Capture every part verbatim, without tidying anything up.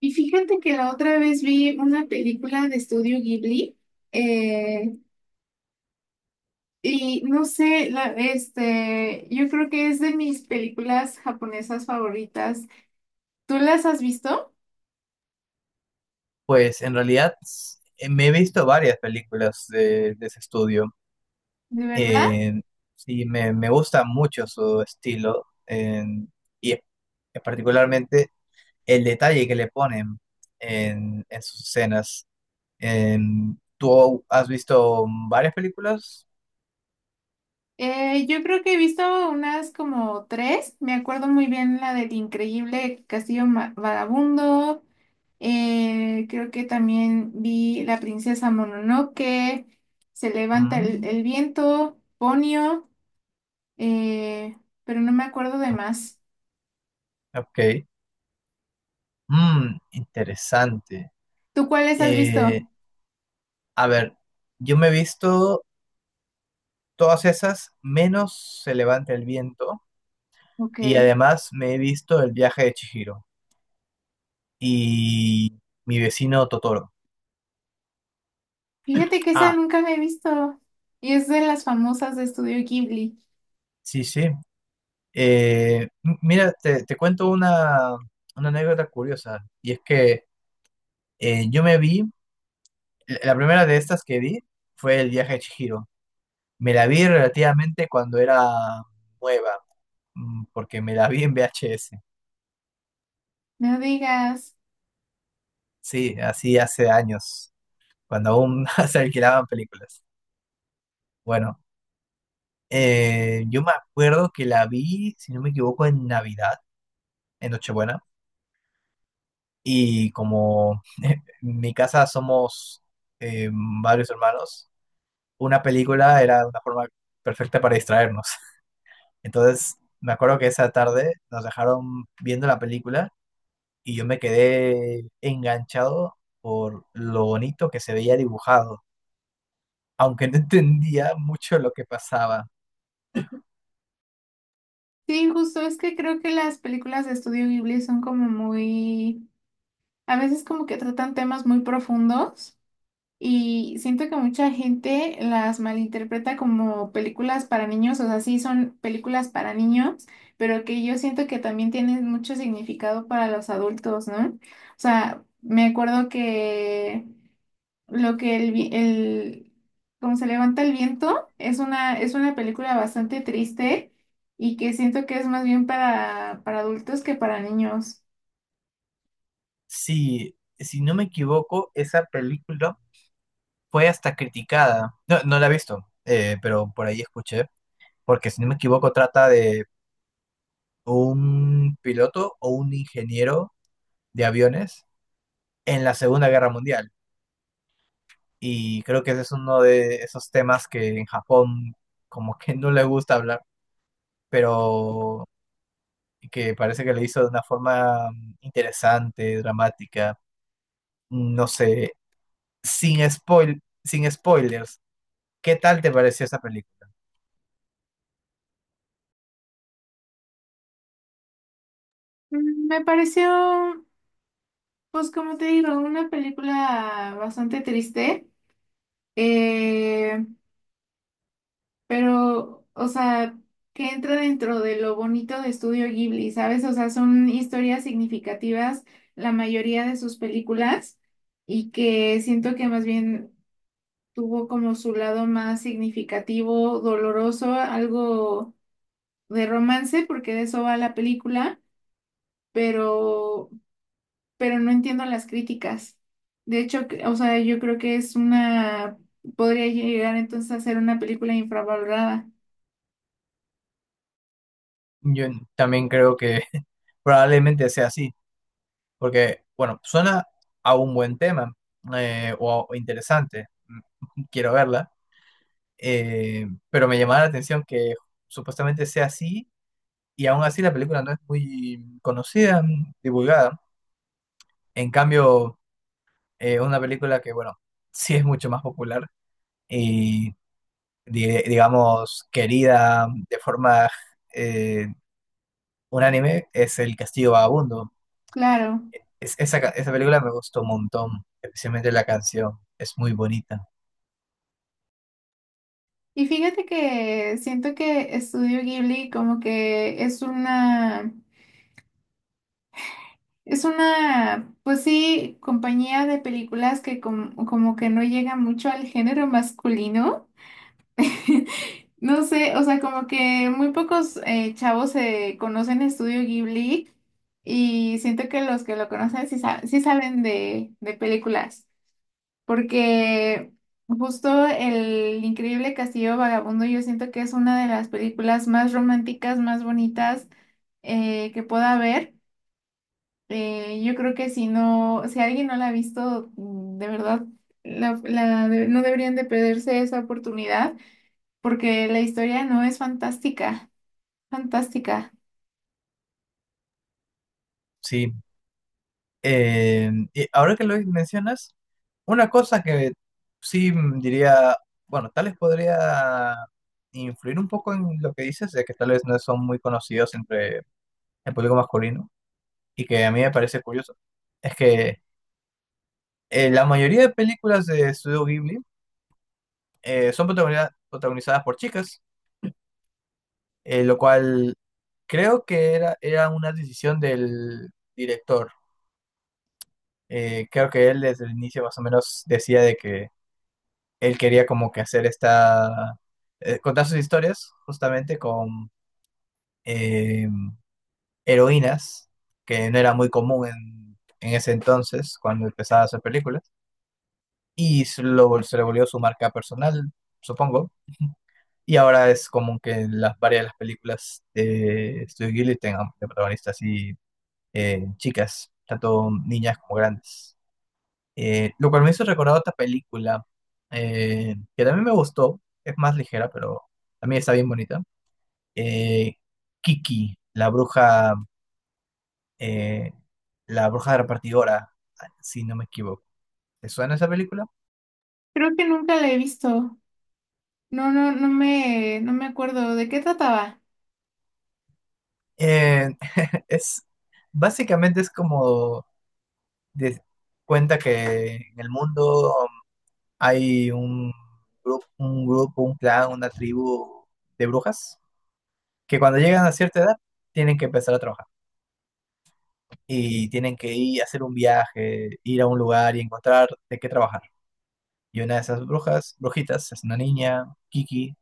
Y fíjate que la otra vez vi una película de estudio Ghibli, eh, y no sé, la, este, yo creo que es de mis películas japonesas favoritas. ¿Tú las has visto? Pues en realidad eh, me he visto varias películas de, de ese estudio. ¿De verdad? Eh, sí, me, me gusta mucho su estilo eh, y eh, particularmente el detalle que le ponen en, en sus escenas. En- ¿tú has visto varias películas? Eh, yo creo que he visto unas como tres. Me acuerdo muy bien la del Increíble Castillo Ma- Vagabundo. Eh, creo que también vi La princesa Mononoke, Se levanta el, Mm, el viento, Ponio. eh, pero no me acuerdo de más. ok. Mm, interesante. ¿Tú cuáles has visto? Eh, a ver, yo me he visto todas esas menos Se levanta el viento. Ok. Y además me he visto El viaje de Chihiro y Mi vecino Totoro. Fíjate que esa Ah, nunca la he visto. Y es de las famosas de Estudio Ghibli. sí, sí. Eh, m- mira, te, te cuento una, una anécdota curiosa. Y es que eh, yo me vi, la la primera de estas que vi fue El viaje de Chihiro. Me la vi relativamente cuando era nueva, mm, porque me la vi en V H S. No digas. Sí, así hace años, cuando aún se alquilaban películas. Bueno. Eh, yo me acuerdo que la vi, si no me equivoco, en Navidad, en Nochebuena, y como en mi casa somos eh, varios hermanos, una película era una forma perfecta para distraernos. Entonces, me acuerdo que esa tarde nos dejaron viendo la película y yo me quedé enganchado por lo bonito que se veía dibujado, aunque no entendía mucho lo que pasaba. Sí, justo es que creo que las películas de Estudio Ghibli son como muy... A veces como que tratan temas muy profundos. Y siento que mucha gente las malinterpreta como películas para niños, o sea, sí son películas para niños, pero que yo siento que también tienen mucho significado para los adultos, ¿no? O sea, me acuerdo que lo que el, vi- el como se levanta el viento es una, es una película bastante triste y que siento que es más bien para, para adultos que para niños. Sí, si no me equivoco, esa película fue hasta criticada. No, no la he visto, eh, pero por ahí escuché, porque si no me equivoco trata de un piloto o un ingeniero de aviones en la Segunda Guerra Mundial. Y creo que ese es uno de esos temas que en Japón como que no le gusta hablar, pero que parece que lo hizo de una forma interesante, dramática, no sé, sin spoil, sin spoilers. ¿Qué tal te pareció esa película? Mm, me pareció, pues como te digo, una película bastante triste. Eh, pero, o sea, que entra dentro de lo bonito de Estudio Ghibli, ¿sabes? O sea, son historias significativas la mayoría de sus películas y que siento que más bien tuvo como su lado más significativo, doloroso, algo de romance, porque de eso va la película, pero, pero no entiendo las críticas. De hecho, que- o sea, yo creo que es una, podría llegar entonces a ser una película infravalorada. Yo también creo que probablemente sea así, porque, bueno, suena a un buen tema eh, o a- interesante, mm, quiero verla, eh, pero me llamaba la atención que supuestamente sea así y aún así la película no es muy conocida, mm, divulgada. En cambio, eh, una película que, bueno, sí es mucho más popular y, di- digamos, querida de forma eh, unánime es El Castillo Vagabundo. Claro. Es- esa, ca- esa película me gustó un montón, especialmente la canción, es muy bonita, Y fíjate que siento que Estudio Ghibli como que es una, es una, pues sí, compañía de películas que com- como que no llega mucho al género masculino. No sé, o sea, como que muy pocos eh, chavos se conocen Estudio Ghibli y siento que los que lo conocen sí, sa- sí saben de, de películas. Porque justo El Increíble Castillo Vagabundo yo siento que es una de las películas más románticas, más bonitas, eh, que pueda haber. Eh, yo creo que si no, si alguien no la ha visto, mm, de verdad, la- la de- no deberían de perderse esa oportunidad, porque la historia no es fantástica, fantástica. sí. Eh, y ahora que lo mencionas, una cosa que sí mm, diría, bueno, tal vez podría influir un poco en lo que dices, de que tal vez no son muy conocidos entre el público masculino, y que a mí me parece curioso, es que eh, la mayoría de películas de Studio Ghibli eh, son protagoniza- protagonizadas por chicas. Eh, lo cual creo que era, era una decisión del director. Eh, creo que él desde el inicio más o menos decía de que él quería como que hacer esta, eh, contar sus historias justamente con eh, heroínas, que no era muy común en, en ese entonces cuando empezaba a hacer películas, y se lo, vol- se le volvió su marca personal, supongo. Y ahora es como que las varias de las películas de Studio Ghibli tengan de protagonistas así eh, chicas, tanto niñas como grandes. Eh, lo cual me hizo recordar otra película eh, que también me gustó, es más ligera, pero también está bien bonita. Eh, Kiki, la bruja, eh, la bruja repartidora, si no me equivoco. ¿Te suena esa película? Creo que nunca la he visto. No, no, no me, no me acuerdo de qué trataba. Eh, es, básicamente es como de cuenta que en el mundo hay un grupo, un grupo, un clan, una tribu de brujas que cuando llegan a cierta edad tienen que empezar a trabajar y tienen que ir a hacer un viaje, ir a un lugar y encontrar de qué trabajar. Y una de esas brujas, brujitas, es una niña, Kiki,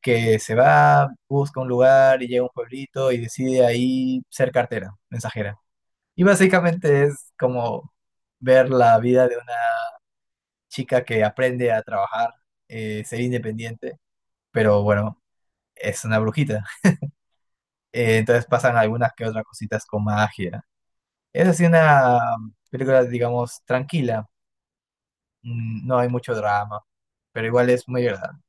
que se va, busca un lugar y llega a un pueblito y decide ahí ser cartera, mensajera. Y básicamente es como ver la vida de una chica que aprende a trabajar, eh, ser independiente, pero bueno, es una brujita. Eh, entonces pasan algunas que otras cositas con magia. Es así una película, digamos, tranquila. Mm, no hay mucho drama, pero igual es muy agradable.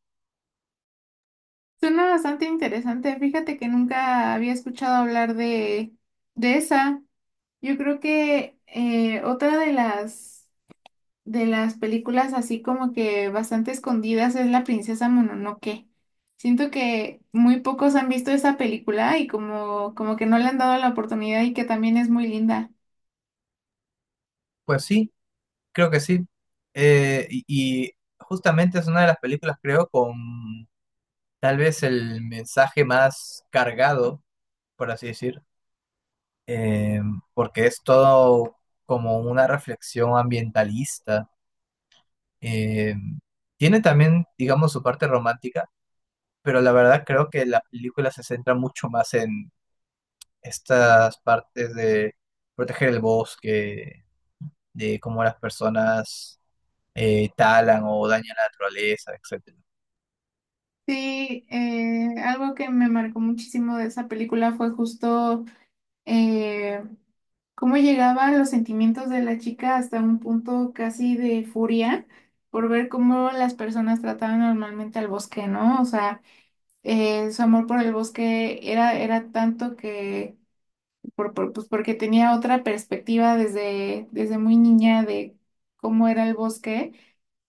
Suena bastante interesante. Fíjate que nunca había escuchado hablar de, de esa. Yo creo que eh, otra de las de las películas así como que bastante escondidas es La princesa Mononoke. Siento que muy pocos han visto esa película y como, como que no le han dado la oportunidad y que también es muy linda. Pues sí, creo que sí. Eh, y, y justamente es una de las películas, creo, con tal vez el mensaje más cargado, por así decir, eh, porque es todo como una reflexión ambientalista. Eh, Tiene también, digamos, su parte romántica, pero la verdad creo que la película se centra mucho más en estas partes de proteger el bosque, de cómo las personas eh, talan o dañan la naturaleza, etcétera. Sí, eh, algo que me marcó muchísimo de esa película fue justo, eh, cómo llegaban los sentimientos de la chica hasta un punto casi de furia por ver cómo las personas trataban normalmente al bosque, ¿no? O sea, eh, su amor por el bosque era, era tanto que, por, por- pues porque tenía otra perspectiva desde, desde muy niña de cómo era el bosque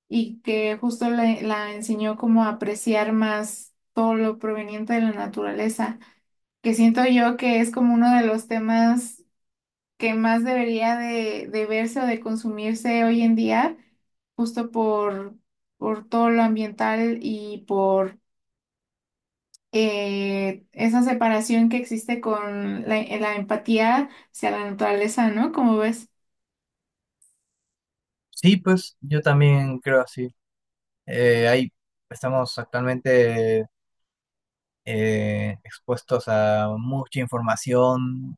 y que justo le- la enseñó como a apreciar más todo lo proveniente de la naturaleza, que siento yo que es como uno de los temas que más debería de, de verse o de consumirse hoy en día, justo por, por todo lo ambiental y por, eh, esa separación que existe con la, la empatía hacia la naturaleza, ¿no? ¿Como ves? Sí, pues yo también creo así. Eh, ahí estamos actualmente eh, expuestos a mucha información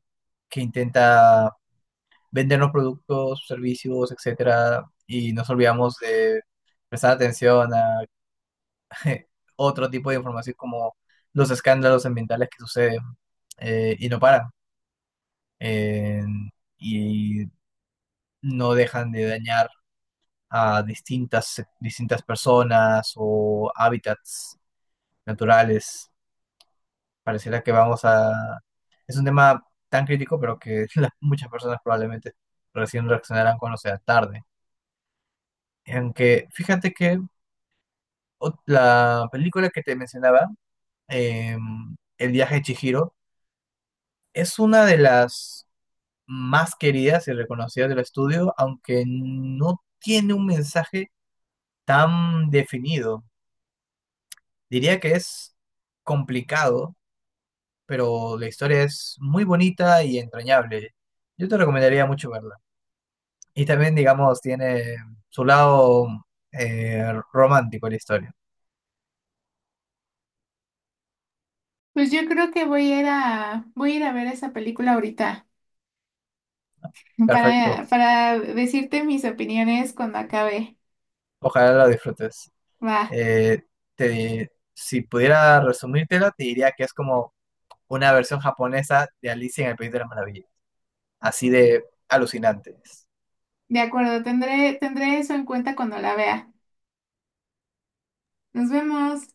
que intenta vendernos productos, servicios, etcétera, y nos olvidamos de prestar atención a otro tipo de información como los escándalos ambientales que suceden eh, y no paran eh, y no dejan de dañar a distintas, distintas personas o hábitats naturales. Pareciera que vamos a... Es un tema tan crítico, pero que las- muchas personas probablemente recién reaccionarán cuando sea tarde. Aunque fíjate que ot- la película que te mencionaba, em, El viaje de Chihiro, es una de las más queridas y reconocidas del estudio, aunque no tiene un mensaje tan definido. Diría que es complicado, pero la historia es muy bonita y entrañable. Yo te recomendaría mucho verla. Y también, digamos, tiene su lado eh, romántico la historia. Pues yo creo que voy a ir a, voy a ir a ver esa película ahorita Perfecto. para, para decirte mis opiniones cuando acabe. Ojalá la disfrutes. Va, Eh, Te, si pudiera resumírtela, te diría que es como una versión japonesa de Alicia en el País de las Maravillas. Así de alucinantes. de acuerdo, tendré, tendré eso en cuenta cuando la vea. Nos vemos.